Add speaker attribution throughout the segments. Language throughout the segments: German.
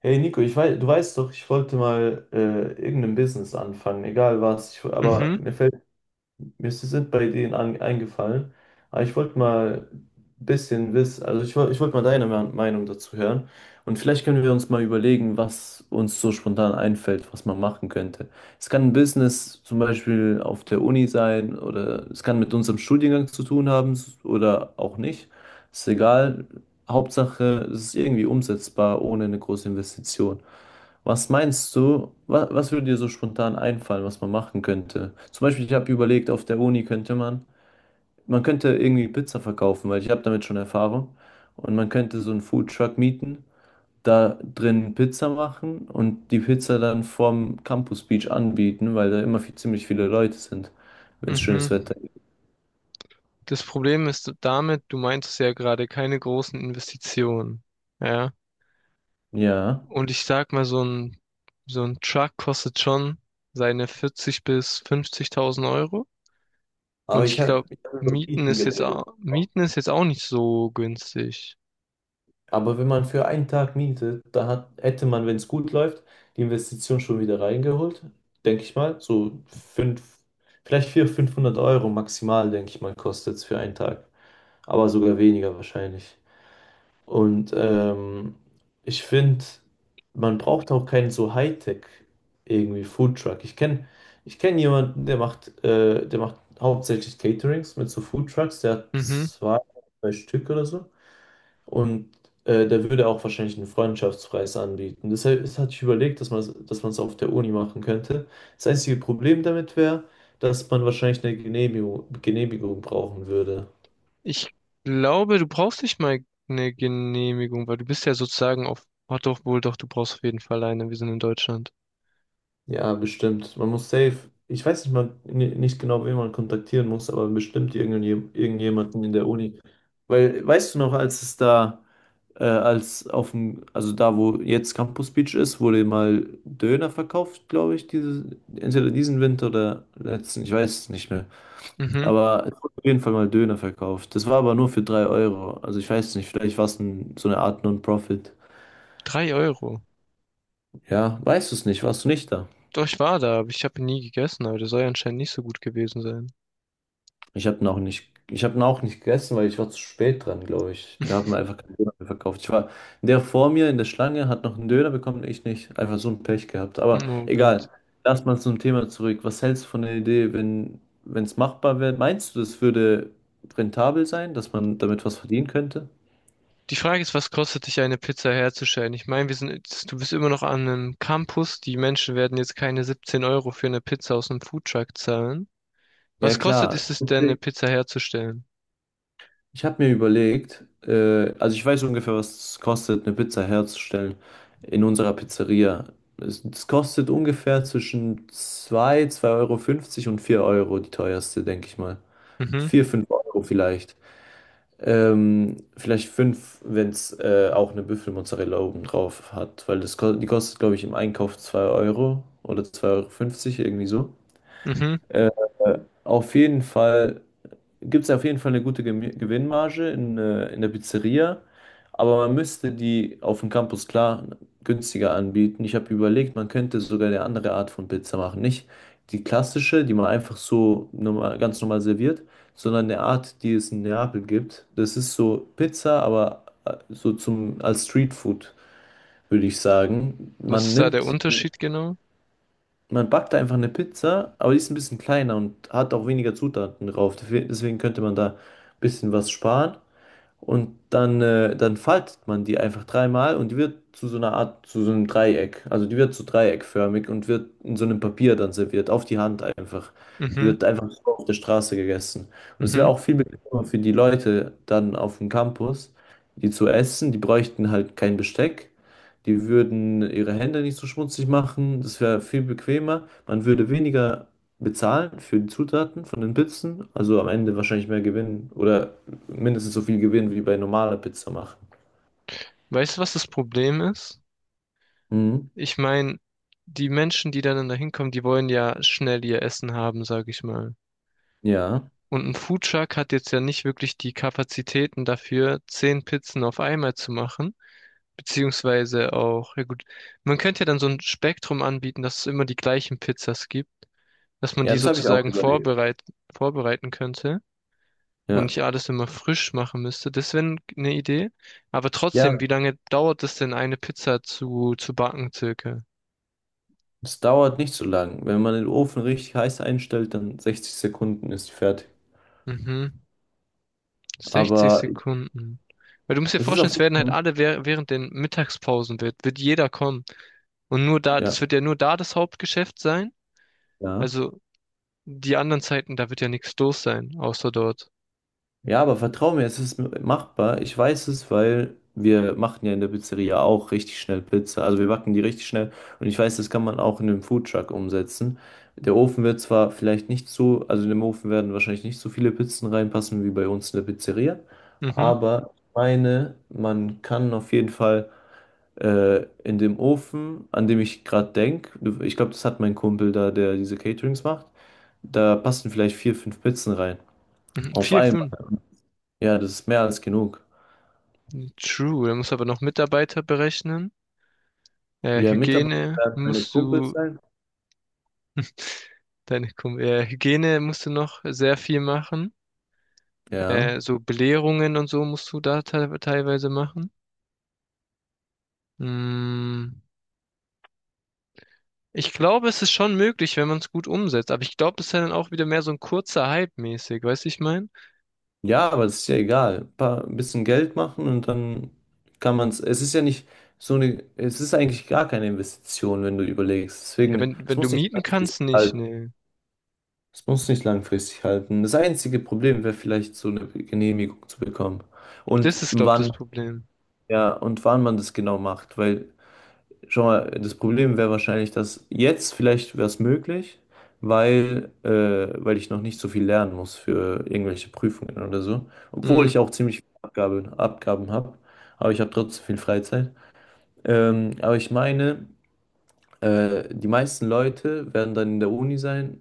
Speaker 1: Hey Nico, ich weiß, du weißt doch, ich wollte mal irgendein Business anfangen, egal was. Aber
Speaker 2: Mhm,
Speaker 1: mir fällt sind bei denen an, eingefallen. Aber ich wollte mal ein bisschen wissen, also ich wollte mal deine Meinung dazu hören. Und vielleicht können wir uns mal überlegen, was uns so spontan einfällt, was man machen könnte. Es kann ein Business zum Beispiel auf der Uni sein, oder es kann mit unserem Studiengang zu tun haben oder auch nicht. Ist egal. Hauptsache, es ist irgendwie umsetzbar ohne eine große Investition. Was meinst du, wa was würde dir so spontan einfallen, was man machen könnte? Zum Beispiel, ich habe überlegt, auf der Uni könnte man, man könnte irgendwie Pizza verkaufen, weil ich habe damit schon Erfahrung. Und man könnte so einen Foodtruck mieten, da drin Pizza machen und die Pizza dann vorm Campus Beach anbieten, weil da immer ziemlich viele Leute sind, wenn es
Speaker 2: mhm.
Speaker 1: schönes Wetter gibt.
Speaker 2: Das Problem ist damit, du meintest ja gerade keine großen Investitionen. Ja.
Speaker 1: Ja.
Speaker 2: Und ich sag mal, so ein Truck kostet schon seine 40 bis 50.000 Euro.
Speaker 1: Aber
Speaker 2: Und ich glaube,
Speaker 1: ich hab über
Speaker 2: Mieten
Speaker 1: Mieten
Speaker 2: ist jetzt
Speaker 1: geredet.
Speaker 2: auch, Mieten ist jetzt auch nicht so günstig.
Speaker 1: Aber wenn man für einen Tag mietet, da hätte man, wenn es gut läuft, die Investition schon wieder reingeholt, denke ich mal. So fünf, vielleicht 400, 500 Euro maximal, denke ich mal, kostet es für einen Tag. Aber sogar weniger wahrscheinlich. Und ich finde, man braucht auch keinen so Hightech irgendwie Foodtruck. Ich kenne ich kenn jemanden, der macht hauptsächlich Caterings mit so Foodtrucks. Der hat
Speaker 2: Mhm.
Speaker 1: zwei, drei Stück oder so. Und der würde auch wahrscheinlich einen Freundschaftspreis anbieten. Deshalb, das hatte ich überlegt, dass man es auf der Uni machen könnte. Das einzige Problem damit wäre, dass man wahrscheinlich eine Genehmigung brauchen würde.
Speaker 2: Ich glaube, du brauchst nicht mal eine Genehmigung, weil du bist ja sozusagen auf, oh doch, wohl doch, du brauchst auf jeden Fall eine. Wir sind in Deutschland.
Speaker 1: Ja, bestimmt. Man muss safe. Ich weiß nicht mal nicht genau, wen man kontaktieren muss, aber bestimmt irgendjemanden in der Uni. Weil, weißt du noch, als auf dem, also da, wo jetzt Campus Beach ist, wurde mal Döner verkauft, glaube ich, entweder diesen Winter oder letzten, ich weiß es nicht mehr.
Speaker 2: Mhm.
Speaker 1: Aber es wurde auf jeden Fall mal Döner verkauft. Das war aber nur für 3 Euro. Also ich weiß nicht, vielleicht war es so eine Art Non-Profit.
Speaker 2: 3 Euro.
Speaker 1: Ja, weißt du es nicht, warst du nicht da?
Speaker 2: Doch, ich war da, aber ich habe nie gegessen, aber das soll ja anscheinend nicht so gut gewesen sein.
Speaker 1: Ich habe ihn auch nicht gegessen, weil ich war zu spät dran, glaube ich. Die haben mir einfach keinen Döner mehr verkauft. Der vor mir in der Schlange hat noch einen Döner bekommen, ich nicht. Einfach so ein Pech gehabt. Aber
Speaker 2: Oh Gott.
Speaker 1: egal. Lass mal zum Thema zurück. Was hältst du von der Idee, wenn es machbar wäre? Meinst du, das würde rentabel sein, dass man damit was verdienen könnte?
Speaker 2: Die Frage ist, was kostet dich eine Pizza herzustellen? Ich meine, du bist immer noch an einem Campus. Die Menschen werden jetzt keine 17 Euro für eine Pizza aus einem Foodtruck zahlen.
Speaker 1: Ja,
Speaker 2: Was kostet
Speaker 1: klar.
Speaker 2: ist es denn, eine Pizza herzustellen?
Speaker 1: Ich habe mir überlegt, also ich weiß ungefähr, was es kostet, eine Pizza herzustellen in unserer Pizzeria. Es kostet ungefähr zwischen zwei Euro fünfzig und 4 Euro, die teuerste, denke ich mal.
Speaker 2: Mhm,
Speaker 1: Vier, 5 Euro vielleicht. Vielleicht 5, wenn es auch eine Büffelmozzarella oben drauf hat, weil die kostet, glaube ich, im Einkauf zwei Euro oder 2 Euro, fünfzig irgendwie so.
Speaker 2: mhm.
Speaker 1: Auf jeden Fall gibt es auf jeden Fall eine gute Gewinnmarge in der Pizzeria, aber man müsste die auf dem Campus klar günstiger anbieten. Ich habe überlegt, man könnte sogar eine andere Art von Pizza machen. Nicht die klassische, die man ganz normal serviert, sondern eine Art, die es in Neapel gibt. Das ist so Pizza, aber als Streetfood, würde ich sagen.
Speaker 2: Was ist da der Unterschied genau?
Speaker 1: Man backt da einfach eine Pizza, aber die ist ein bisschen kleiner und hat auch weniger Zutaten drauf. Deswegen könnte man da ein bisschen was sparen. Und dann faltet man die einfach dreimal und die wird zu so einer Art, zu so einem Dreieck. Also die wird so dreieckförmig und wird in so einem Papier dann serviert, auf die Hand einfach. Die
Speaker 2: Mhm,
Speaker 1: wird einfach so auf der Straße gegessen. Und es wäre
Speaker 2: mhm.
Speaker 1: auch viel bequemer für die Leute dann auf dem Campus, die zu essen. Die bräuchten halt kein Besteck. Die würden ihre Hände nicht so schmutzig machen. Das wäre viel bequemer. Man würde weniger bezahlen für die Zutaten von den Pizzen. Also am Ende wahrscheinlich mehr Gewinn oder mindestens so viel Gewinn wie bei normaler Pizza machen.
Speaker 2: Weißt du, was das Problem ist?
Speaker 1: Mhm.
Speaker 2: Ich meine, die Menschen, die dann da hinkommen, die wollen ja schnell ihr Essen haben, sag ich mal.
Speaker 1: Ja.
Speaker 2: Und ein Foodtruck hat jetzt ja nicht wirklich die Kapazitäten dafür, 10 Pizzen auf einmal zu machen. Beziehungsweise auch, ja gut, man könnte ja dann so ein Spektrum anbieten, dass es immer die gleichen Pizzas gibt, dass man
Speaker 1: Ja,
Speaker 2: die
Speaker 1: das habe ich auch
Speaker 2: sozusagen
Speaker 1: überlegt.
Speaker 2: vorbereiten könnte. Und
Speaker 1: Ja.
Speaker 2: ich alles immer frisch machen müsste. Das wäre eine Idee. Aber trotzdem,
Speaker 1: Ja,
Speaker 2: wie lange dauert es denn, eine Pizza zu backen, circa?
Speaker 1: es dauert nicht so lang. Wenn man den Ofen richtig heiß einstellt, dann 60 Sekunden ist die fertig.
Speaker 2: Mhm. 60
Speaker 1: Aber
Speaker 2: Sekunden. Weil du musst dir
Speaker 1: es ist auf
Speaker 2: vorstellen, es
Speaker 1: jeden
Speaker 2: werden halt
Speaker 1: Fall.
Speaker 2: alle während den Mittagspausen wird jeder kommen. Und nur da,
Speaker 1: Ja,
Speaker 2: das wird ja nur da das Hauptgeschäft sein.
Speaker 1: ja.
Speaker 2: Also die anderen Zeiten, da wird ja nichts los sein, außer dort.
Speaker 1: Ja, aber vertrau mir, es ist machbar. Ich weiß es, weil wir machen ja in der Pizzeria auch richtig schnell Pizza. Also wir backen die richtig schnell. Und ich weiß, das kann man auch in einem Foodtruck umsetzen. Der Ofen wird zwar vielleicht nicht so, also in dem Ofen werden wahrscheinlich nicht so viele Pizzen reinpassen wie bei uns in der Pizzeria.
Speaker 2: Mhm.
Speaker 1: Aber ich meine, man kann auf jeden Fall in dem Ofen, an dem ich gerade denke, ich glaube, das hat mein Kumpel da, der diese Caterings macht, da passen vielleicht vier, fünf Pizzen rein.
Speaker 2: Mhm.
Speaker 1: Auf
Speaker 2: Vier,
Speaker 1: einmal.
Speaker 2: fünf.
Speaker 1: Ja, das ist mehr als genug.
Speaker 2: True. Da musst du aber noch Mitarbeiter berechnen.
Speaker 1: Ja, Mitarbeiter
Speaker 2: Hygiene
Speaker 1: werden meine
Speaker 2: musst
Speaker 1: Kumpels
Speaker 2: du
Speaker 1: sein.
Speaker 2: Technikum. Hygiene musst du noch sehr viel machen.
Speaker 1: Ja.
Speaker 2: So Belehrungen und so musst du da te teilweise machen. Mm, Ich glaube, es ist schon möglich, wenn man es gut umsetzt. Aber ich glaube, das ist ja dann auch wieder mehr so ein kurzer Hype mäßig. Weißt du, ich meine?
Speaker 1: Ja, aber das ist ja egal. Ein bisschen Geld machen und dann kann man es. Es ist ja nicht so eine, es ist eigentlich gar keine Investition, wenn du überlegst.
Speaker 2: Ja,
Speaker 1: Deswegen,
Speaker 2: wenn,
Speaker 1: es
Speaker 2: wenn du
Speaker 1: muss nicht
Speaker 2: mieten
Speaker 1: langfristig
Speaker 2: kannst, nicht.
Speaker 1: halten.
Speaker 2: Ne,
Speaker 1: Es muss nicht langfristig halten. Das einzige Problem wäre vielleicht, so eine Genehmigung zu bekommen.
Speaker 2: das
Speaker 1: Und
Speaker 2: ist, glaube ich, das
Speaker 1: wann,
Speaker 2: Problem.
Speaker 1: ja, und wann man das genau macht, weil. Schau mal, das Problem wäre wahrscheinlich, dass jetzt vielleicht wäre es möglich, weil, äh, weil ich noch nicht so viel lernen muss für irgendwelche Prüfungen oder so. Obwohl
Speaker 2: Mm,
Speaker 1: ich auch ziemlich viele Abgaben habe, aber ich habe trotzdem viel Freizeit. Aber ich meine. Die meisten Leute werden dann in der Uni sein.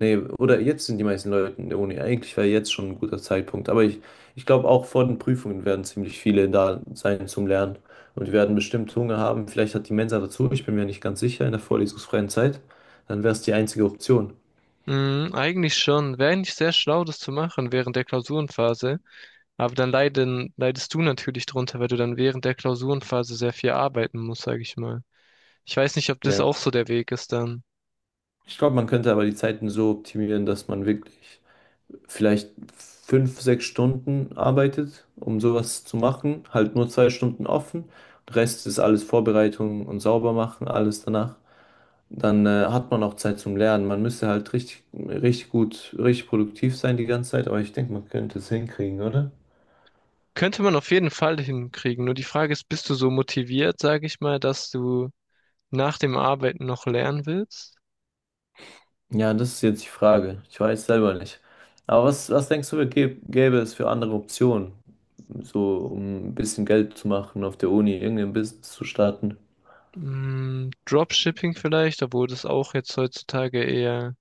Speaker 1: Nee, oder jetzt sind die meisten Leute in der Uni. Eigentlich wäre jetzt schon ein guter Zeitpunkt. Ich glaube, auch vor den Prüfungen werden ziemlich viele da sein zum Lernen. Und die werden bestimmt Hunger haben. Vielleicht hat die Mensa dazu. Ich bin mir nicht ganz sicher in der vorlesungsfreien Zeit. Dann wäre es die einzige Option.
Speaker 2: eigentlich schon. Wäre eigentlich sehr schlau, das zu machen während der Klausurenphase. Aber dann leidest du natürlich drunter, weil du dann während der Klausurenphase sehr viel arbeiten musst, sage ich mal. Ich weiß nicht, ob das
Speaker 1: Ja.
Speaker 2: auch so der Weg ist dann.
Speaker 1: Ich glaube, man könnte aber die Zeiten so optimieren, dass man wirklich vielleicht fünf, sechs Stunden arbeitet, um sowas zu machen. Halt nur zwei Stunden offen. Der Rest ist alles Vorbereitung und sauber machen, alles danach. Dann hat man auch Zeit zum Lernen. Man müsste halt richtig gut, richtig produktiv sein die ganze Zeit, aber ich denke, man könnte es hinkriegen, oder?
Speaker 2: Könnte man auf jeden Fall hinkriegen. Nur die Frage ist, bist du so motiviert, sage ich mal, dass du nach dem Arbeiten noch lernen willst?
Speaker 1: Ja, das ist jetzt die Frage. Ich weiß selber nicht. Aber was denkst du, gäbe es für andere Optionen? So, um ein bisschen Geld zu machen auf der Uni, irgendein Business zu starten.
Speaker 2: Dropshipping vielleicht, obwohl das auch jetzt heutzutage eher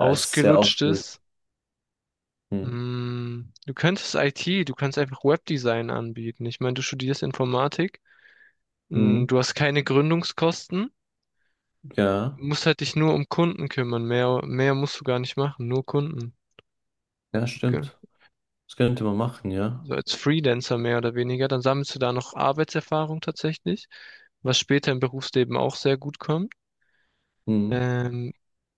Speaker 1: Ja, es ist sehr ausgelutscht.
Speaker 2: ist. Du könntest IT, du kannst einfach Webdesign anbieten. Ich meine, du studierst Informatik,
Speaker 1: Mhm.
Speaker 2: du hast keine Gründungskosten,
Speaker 1: Ja,
Speaker 2: musst halt dich nur um Kunden kümmern. Mehr musst du gar nicht machen, nur Kunden.
Speaker 1: ja, stimmt. Das könnte man machen, ja.
Speaker 2: So als Freelancer mehr oder weniger, dann sammelst du da noch Arbeitserfahrung tatsächlich, was später im Berufsleben auch sehr gut kommt.
Speaker 1: Mhm.
Speaker 2: Ähm,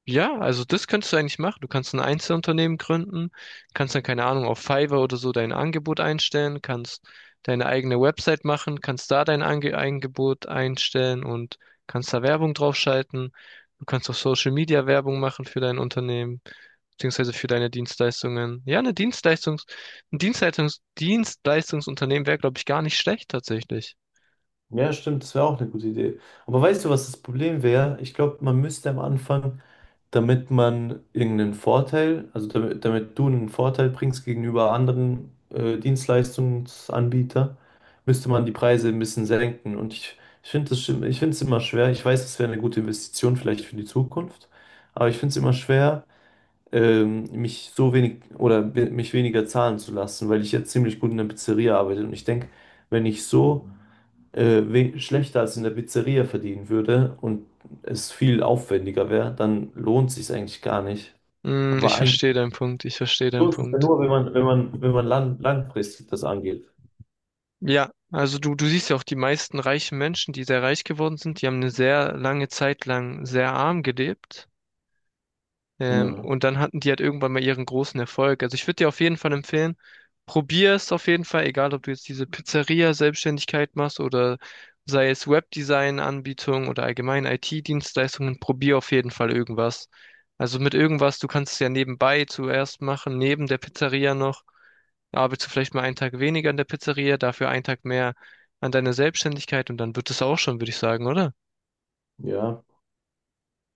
Speaker 2: ja, also das könntest du eigentlich machen. Du kannst ein Einzelunternehmen gründen, kannst dann, keine Ahnung, auf Fiverr oder so dein Angebot einstellen, kannst deine eigene Website machen, kannst da dein Angebot einstellen und kannst da Werbung draufschalten. Du kannst auch Social Media Werbung machen für dein Unternehmen, beziehungsweise für deine Dienstleistungen. Ja, ein Dienstleistungsunternehmen wäre, glaube ich, gar nicht schlecht tatsächlich.
Speaker 1: Ja, stimmt, das wäre auch eine gute Idee. Aber weißt du, was das Problem wäre? Ich glaube, man müsste am Anfang, damit man irgendeinen Vorteil, also damit du einen Vorteil bringst gegenüber anderen Dienstleistungsanbietern, müsste man die Preise ein bisschen senken. Und ich finde ich finde es immer schwer. Ich weiß, es wäre eine gute Investition vielleicht für die Zukunft, aber ich finde es immer schwer. Mich mich weniger zahlen zu lassen, weil ich ja ziemlich gut in der Pizzeria arbeite. Und ich denke, wenn ich so schlechter als in der Pizzeria verdienen würde und es viel aufwendiger wäre, dann lohnt sich eigentlich gar nicht. Aber
Speaker 2: Ich
Speaker 1: eigentlich
Speaker 2: verstehe deinen Punkt, ich verstehe deinen
Speaker 1: lohnt es ja
Speaker 2: Punkt.
Speaker 1: nur, wenn man langfristig das angeht.
Speaker 2: Ja, also du siehst ja auch die meisten reichen Menschen, die sehr reich geworden sind, die haben eine sehr lange Zeit lang sehr arm gelebt.
Speaker 1: Ja,
Speaker 2: Und dann hatten die halt irgendwann mal ihren großen Erfolg. Also ich würde dir auf jeden Fall empfehlen, probier es auf jeden Fall, egal ob du jetzt diese Pizzeria-Selbstständigkeit machst oder sei es Webdesign-Anbietung oder allgemein IT-Dienstleistungen, probier auf jeden Fall irgendwas. Also mit irgendwas, du kannst es ja nebenbei zuerst machen, neben der Pizzeria noch. Arbeitest du vielleicht mal einen Tag weniger an der Pizzeria, dafür einen Tag mehr an deiner Selbstständigkeit und dann wird es auch schon, würde ich sagen, oder?
Speaker 1: ja.